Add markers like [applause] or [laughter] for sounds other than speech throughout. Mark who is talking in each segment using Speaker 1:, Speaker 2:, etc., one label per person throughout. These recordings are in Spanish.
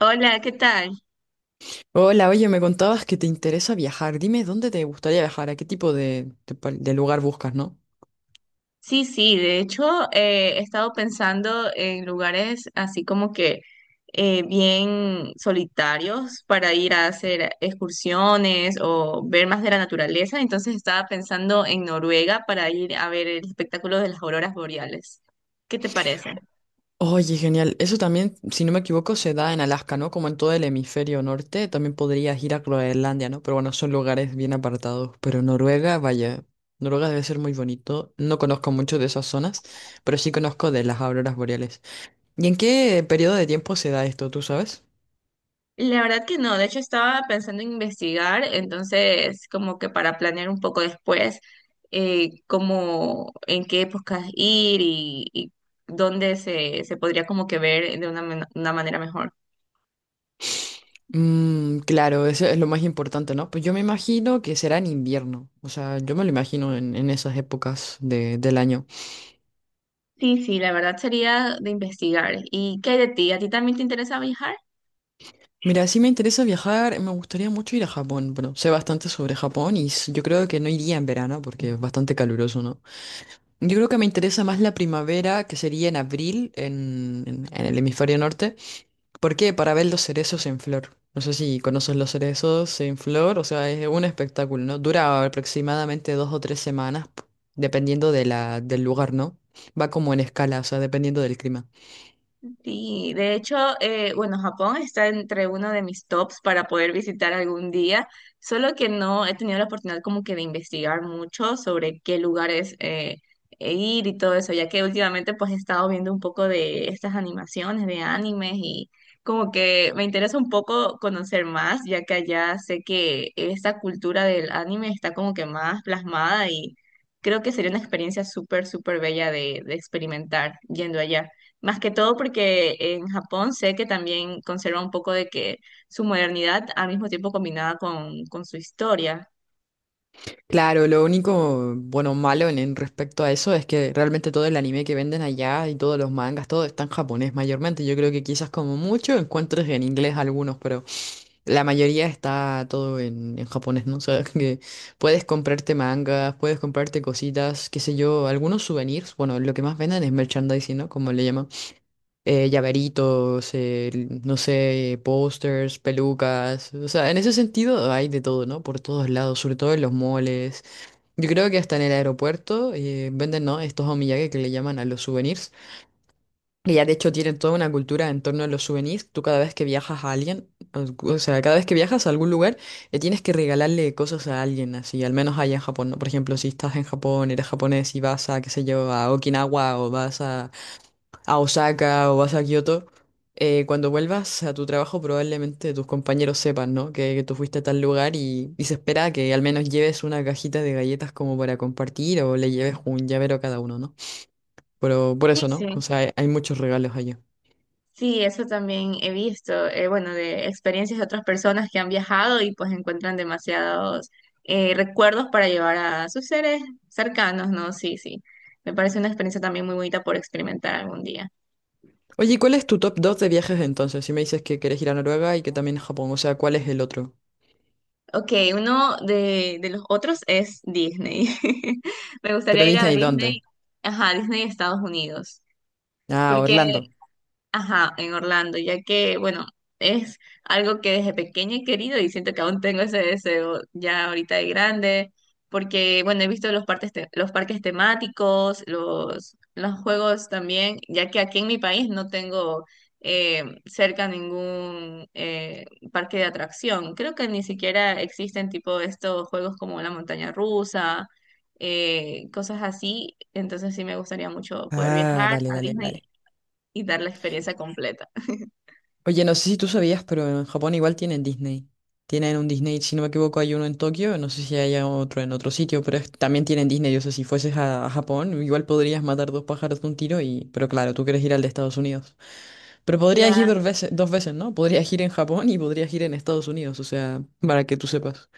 Speaker 1: Hola, ¿qué tal?
Speaker 2: Hola, oye, me contabas que te interesa viajar. Dime dónde te gustaría viajar, a qué tipo de lugar buscas, ¿no?
Speaker 1: Sí, sí, de hecho he estado pensando en lugares así como que bien solitarios para ir a hacer excursiones o ver más de la naturaleza, entonces estaba pensando en Noruega para ir a ver el espectáculo de las auroras boreales. ¿Qué te parece?
Speaker 2: Oye, genial. Eso también, si no me equivoco, se da en Alaska, ¿no? Como en todo el hemisferio norte, también podrías ir a Groenlandia, ¿no? Pero bueno, son lugares bien apartados. Pero Noruega, vaya, Noruega debe ser muy bonito. No conozco mucho de esas zonas, pero sí conozco de las auroras boreales. ¿Y en qué periodo de tiempo se da esto, tú sabes?
Speaker 1: La verdad que no, de hecho estaba pensando en investigar, entonces como que para planear un poco después cómo, en qué épocas ir y dónde se podría como que ver de una, una manera mejor.
Speaker 2: Mm, claro, eso es lo más importante, ¿no? Pues yo me imagino que será en invierno, o sea, yo me lo imagino en esas épocas de- del año.
Speaker 1: Sí, sí, la verdad sería de investigar. ¿Y qué hay de ti? ¿A ti también te interesa viajar?
Speaker 2: Mira, si me interesa viajar, me gustaría mucho ir a Japón. Bueno, sé bastante sobre Japón y s- yo creo que no iría en verano porque es bastante caluroso, ¿no? Yo creo que me interesa más la primavera, que sería en abril, en el hemisferio norte. ¿Por qué? Para ver los cerezos en flor. No sé si conoces los cerezos en flor, o sea, es un espectáculo, ¿no? Dura aproximadamente dos o tres semanas, p- dependiendo de del lugar, ¿no? Va como en escala, o sea, dependiendo del clima.
Speaker 1: Sí, de hecho, bueno, Japón está entre uno de mis tops para poder visitar algún día, solo que no he tenido la oportunidad como que de investigar mucho sobre qué lugares e ir y todo eso, ya que últimamente pues he estado viendo un poco de estas animaciones, de animes y como que me interesa un poco conocer más, ya que allá sé que esta cultura del anime está como que más plasmada y creo que sería una experiencia súper, súper bella de experimentar yendo allá. Más que todo porque en Japón sé que también conserva un poco de que su modernidad al mismo tiempo combinada con su historia.
Speaker 2: Claro, lo único, bueno, malo en respecto a eso es que realmente todo el anime que venden allá y todos los mangas, todo está en japonés mayormente. Yo creo que quizás como mucho encuentres en inglés algunos, pero... La mayoría está todo en japonés, ¿no? [laughs] O sea, que puedes comprarte mangas, puedes comprarte cositas, qué sé yo, algunos souvenirs. Bueno, lo que más venden es merchandising, ¿no? Como le llaman. Llaveritos, no sé, pósters, pelucas. O sea, en ese sentido hay de todo, ¿no? Por todos lados, sobre todo en los moles. Yo creo que hasta en el aeropuerto venden, ¿no? Estos omiyage que le llaman a los souvenirs. Ella de hecho tiene toda una cultura en torno a los souvenirs. Tú cada vez que viajas a alguien, o sea, cada vez que viajas a algún lugar, le tienes que regalarle cosas a alguien, así, al menos allá en Japón, ¿no? Por ejemplo, si estás en Japón, eres japonés y vas a, qué sé yo, a Okinawa o vas a Osaka o vas a Kioto, cuando vuelvas a tu trabajo probablemente tus compañeros sepan, ¿no? Que tú fuiste a tal lugar y se espera que al menos lleves una cajita de galletas como para compartir o le lleves un llavero a cada uno, ¿no? Pero por
Speaker 1: Sí,
Speaker 2: eso, ¿no? O
Speaker 1: sí.
Speaker 2: sea, hay muchos regalos allá.
Speaker 1: Sí, eso también he visto, bueno, de experiencias de otras personas que han viajado y pues encuentran demasiados recuerdos para llevar a sus seres cercanos, ¿no? Sí, sí. Me parece una experiencia también muy bonita por experimentar algún día.
Speaker 2: Oye, ¿cuál es tu top 2 de viajes entonces? Si me dices que querés ir a Noruega y que también a Japón, o sea, ¿cuál es el otro?
Speaker 1: Ok, uno de los otros es Disney. [laughs] Me
Speaker 2: Pero
Speaker 1: gustaría ir a
Speaker 2: Disney,
Speaker 1: Disney,
Speaker 2: ¿dónde?
Speaker 1: ajá, Disney Estados Unidos.
Speaker 2: Ah,
Speaker 1: Porque,
Speaker 2: Orlando.
Speaker 1: ajá, en Orlando, ya que, bueno, es algo que desde pequeña he querido y siento que aún tengo ese deseo ya ahorita de grande, porque, bueno, he visto los parques, los parques temáticos, los juegos también, ya que aquí en mi país no tengo cerca ningún parque de atracción. Creo que ni siquiera existen tipo estos juegos como la montaña rusa. Cosas así, entonces sí me gustaría mucho poder
Speaker 2: Ah,
Speaker 1: viajar
Speaker 2: dale,
Speaker 1: a
Speaker 2: dale,
Speaker 1: Disney
Speaker 2: dale.
Speaker 1: y dar la experiencia completa.
Speaker 2: Oye, no sé si tú sabías, pero en Japón igual tienen Disney. Tienen un Disney, si no me equivoco, hay uno en Tokio, no sé si hay otro en otro sitio, pero es- también tienen Disney. O sea, si fueses a Japón, igual podrías matar dos pájaros de un tiro y... Pero claro, tú quieres ir al de Estados Unidos. Pero podrías ir
Speaker 1: Claro.
Speaker 2: dos veces, ¿no? Podrías ir en Japón y podrías ir en Estados Unidos, o sea, para que tú sepas.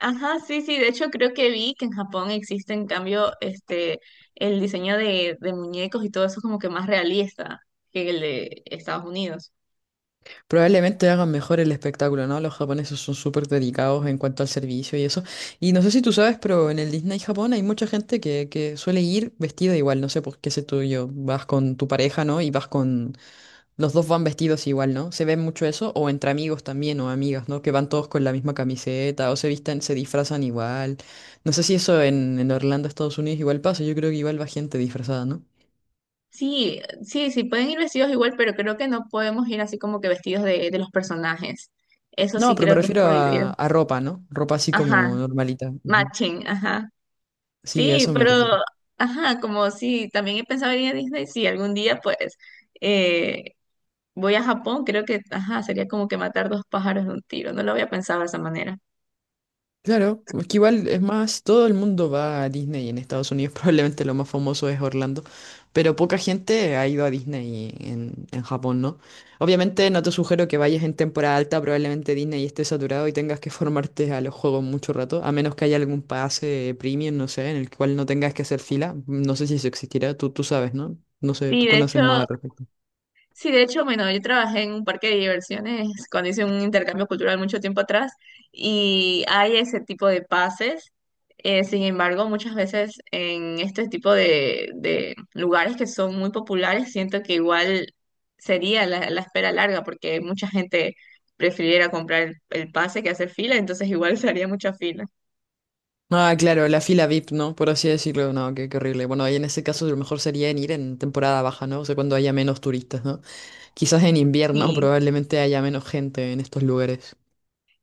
Speaker 1: Ajá, sí, sí, de hecho creo que vi que en Japón existe en cambio este el diseño de muñecos y todo eso como que más realista que el de Estados Unidos.
Speaker 2: Probablemente hagan mejor el espectáculo, ¿no? Los japoneses son súper dedicados en cuanto al servicio y eso. Y no sé si tú sabes, pero en el Disney Japón hay mucha gente que suele ir vestida igual, no sé por qué sé tú y yo. Vas con tu pareja, ¿no? Y vas con... Los dos van vestidos igual, ¿no? Se ve mucho eso, o entre amigos también, o amigas, ¿no? Que van todos con la misma camiseta, o se visten, se disfrazan igual. No sé si eso en Orlando, Estados Unidos, igual pasa. Yo creo que igual va gente disfrazada, ¿no?
Speaker 1: Sí, sí, sí, pueden ir vestidos igual, pero creo que no podemos ir así como que vestidos de los personajes. Eso
Speaker 2: No,
Speaker 1: sí
Speaker 2: pero me
Speaker 1: creo que es
Speaker 2: refiero
Speaker 1: prohibido.
Speaker 2: a ropa, ¿no? Ropa así
Speaker 1: Ajá,
Speaker 2: como normalita. Ujú.
Speaker 1: matching, ajá.
Speaker 2: Sí, a
Speaker 1: Sí,
Speaker 2: eso me
Speaker 1: pero,
Speaker 2: refiero.
Speaker 1: ajá, como sí, también he pensado en ir a Disney, sí, algún día pues eh, voy a Japón, creo que, ajá, sería como que matar dos pájaros de un tiro. No lo había pensado de esa manera.
Speaker 2: Claro, es que igual es más, todo el mundo va a Disney y en Estados Unidos, [laughs] probablemente lo más famoso es Orlando, pero poca gente ha ido a Disney en Japón, ¿no? Obviamente no te sugiero que vayas en temporada alta, probablemente Disney esté saturado y tengas que formarte a los juegos mucho rato, a menos que haya algún pase premium, no sé, en el cual no tengas que hacer fila, no sé si eso existirá, tú sabes, ¿no? No sé,
Speaker 1: Sí,
Speaker 2: tú
Speaker 1: de hecho,
Speaker 2: conoces más al respecto.
Speaker 1: sí, de hecho, bueno, yo trabajé en un parque de diversiones cuando hice un intercambio cultural mucho tiempo atrás y hay ese tipo de pases. Sin embargo, muchas veces en este tipo de lugares que son muy populares, siento que igual sería la espera larga porque mucha gente prefiriera comprar el pase que hacer fila, entonces igual [laughs] se mucha fila.
Speaker 2: Ah, claro, la fila VIP, ¿no? Por así decirlo, no, qué, qué horrible. Bueno, ahí en ese caso lo mejor sería en ir en temporada baja, ¿no? O sea, cuando haya menos turistas, ¿no? Quizás en invierno [laughs]
Speaker 1: Sí.
Speaker 2: probablemente haya menos gente en estos lugares.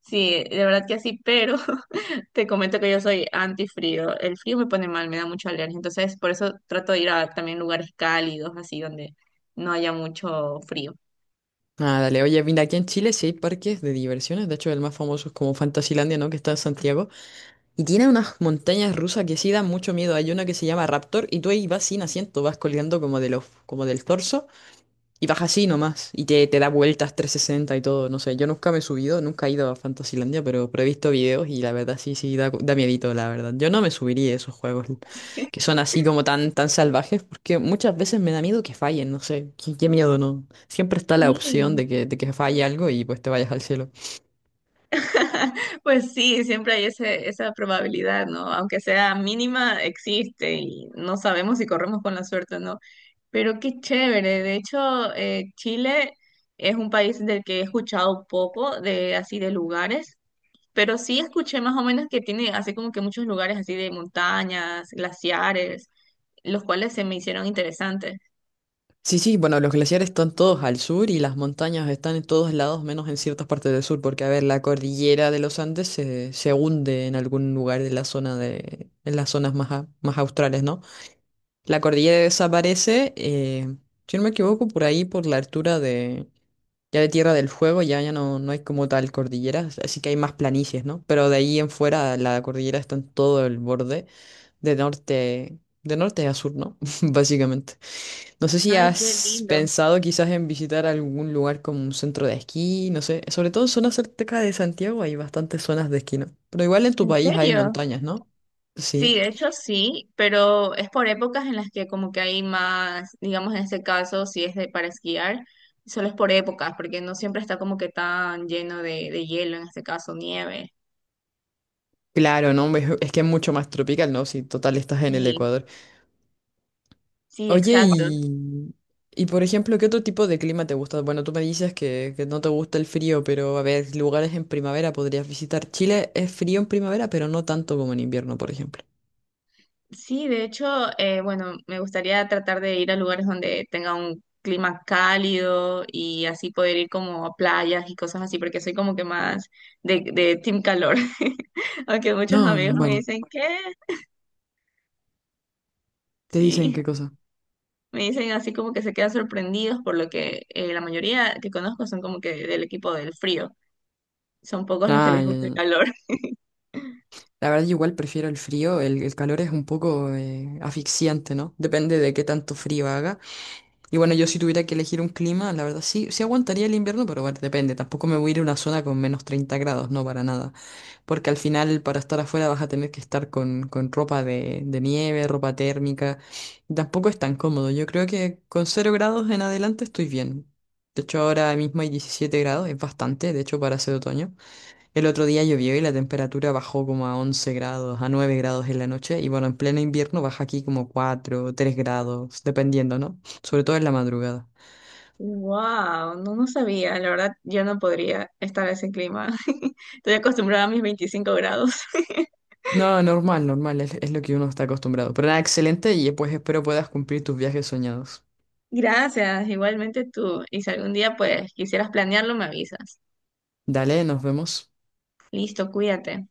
Speaker 1: Sí, de verdad que sí, pero [laughs] te comento que yo soy antifrío. El frío me pone mal, me da mucha alergia. Entonces, por eso trato de ir a también lugares cálidos, así donde no haya mucho frío.
Speaker 2: Ah, dale, oye, mira, aquí en Chile sí hay parques de diversiones, de hecho el más famoso es como Fantasilandia, ¿no? Que está en Santiago. Y tiene unas montañas rusas que sí dan mucho miedo. Hay una que se llama Raptor y tú ahí vas sin asiento, vas colgando como de los, como del torso. Y baja así nomás, y te da vueltas 360 y todo, no sé, yo nunca me he subido, nunca he ido a Fantasylandia, pero he visto videos y la verdad sí, sí, da, da miedito, la verdad. Yo no me subiría a esos juegos que son así como tan, tan salvajes, porque muchas veces me da miedo que fallen, no sé, qué, qué miedo, ¿no? Siempre está la opción
Speaker 1: Sí.
Speaker 2: de que falle algo y pues te vayas al cielo.
Speaker 1: [laughs] Pues sí, siempre hay ese, esa probabilidad, ¿no? Aunque sea mínima, existe y no sabemos si corremos con la suerte o no. Pero qué chévere. De hecho, Chile es un país del que he escuchado poco, de así de lugares. Pero sí escuché más o menos que tiene así como que muchos lugares así de montañas, glaciares, los cuales se me hicieron interesantes.
Speaker 2: Sí, sí, bueno, los glaciares están todos al sur y las montañas están en todos lados, menos en ciertas partes del sur, porque a ver, la cordillera de los Andes se, se hunde en algún lugar de la zona de, en las zonas más, a- más australes, ¿no? La cordillera desaparece, si no me equivoco, por ahí, por la altura de, ya de Tierra del Fuego, ya, ya no, no hay como tal cordilleras así que hay más planicies, ¿no? Pero de ahí en fuera la cordillera está en todo el borde, de norte a sur, ¿no? [laughs] Básicamente. No sé si
Speaker 1: Ay, qué
Speaker 2: has
Speaker 1: lindo.
Speaker 2: pensado quizás en visitar algún lugar como un centro de esquí, no sé, sobre todo en zonas cerca de Santiago hay bastantes zonas de esquí, ¿no? Pero igual en tu
Speaker 1: ¿En
Speaker 2: país hay
Speaker 1: serio?
Speaker 2: montañas, ¿no?
Speaker 1: Sí,
Speaker 2: Sí,
Speaker 1: de hecho sí, pero es por épocas en las que como que hay más, digamos en este caso, si es de para esquiar, solo es por épocas, porque no siempre está como que tan lleno de hielo, en este caso nieve.
Speaker 2: claro, ¿no? Es que es mucho más tropical, ¿no? Si total estás en el
Speaker 1: Sí,
Speaker 2: Ecuador.
Speaker 1: sí,
Speaker 2: Oye,
Speaker 1: exacto.
Speaker 2: y, y por ejemplo, ¿qué otro tipo de clima te gusta? Bueno, tú me dices que no te gusta el frío, pero a ver, lugares en primavera podrías visitar. Chile es frío en primavera, pero no tanto como en invierno, por ejemplo.
Speaker 1: Sí, de hecho, bueno, me gustaría tratar de ir a lugares donde tenga un clima cálido y así poder ir como a playas y cosas así, porque soy como que más de team calor. [laughs] Aunque muchos
Speaker 2: No, no,
Speaker 1: amigos me
Speaker 2: vale.
Speaker 1: dicen que
Speaker 2: ¿Te dicen
Speaker 1: sí,
Speaker 2: qué cosa?
Speaker 1: me dicen así como que se quedan sorprendidos por lo que la mayoría que conozco son como que del equipo del frío. Son pocos los que
Speaker 2: Ah,
Speaker 1: les
Speaker 2: ya,
Speaker 1: gusta el
Speaker 2: ya,
Speaker 1: calor. [laughs]
Speaker 2: la verdad, yo igual prefiero el frío, el calor es un poco asfixiante, ¿no? Depende de qué tanto frío haga. Y bueno, yo si tuviera que elegir un clima, la verdad sí, sí aguantaría el invierno, pero bueno, depende. Tampoco me voy a ir a una zona con menos 30 grados, no para nada. Porque al final, para estar afuera, vas a tener que estar con ropa de nieve, ropa térmica. Tampoco es tan cómodo. Yo creo que con cero grados en adelante estoy bien. De hecho, ahora mismo hay 17 grados, es bastante, de hecho, para ser otoño. El otro día llovió y la temperatura bajó como a 11 grados, a 9 grados en la noche. Y bueno, en pleno invierno baja aquí como 4, 3 grados, dependiendo, ¿no? Sobre todo en la madrugada.
Speaker 1: Wow, no, no sabía. La verdad, yo no podría estar en ese clima. [laughs] Estoy acostumbrada a mis 25 grados. [laughs]
Speaker 2: No, normal, normal, es lo que uno está acostumbrado. Pero nada, excelente y pues espero puedas cumplir tus viajes soñados.
Speaker 1: Gracias, igualmente tú. Y si algún día pues quisieras planearlo, me avisas.
Speaker 2: Dale, nos vemos.
Speaker 1: Listo, cuídate.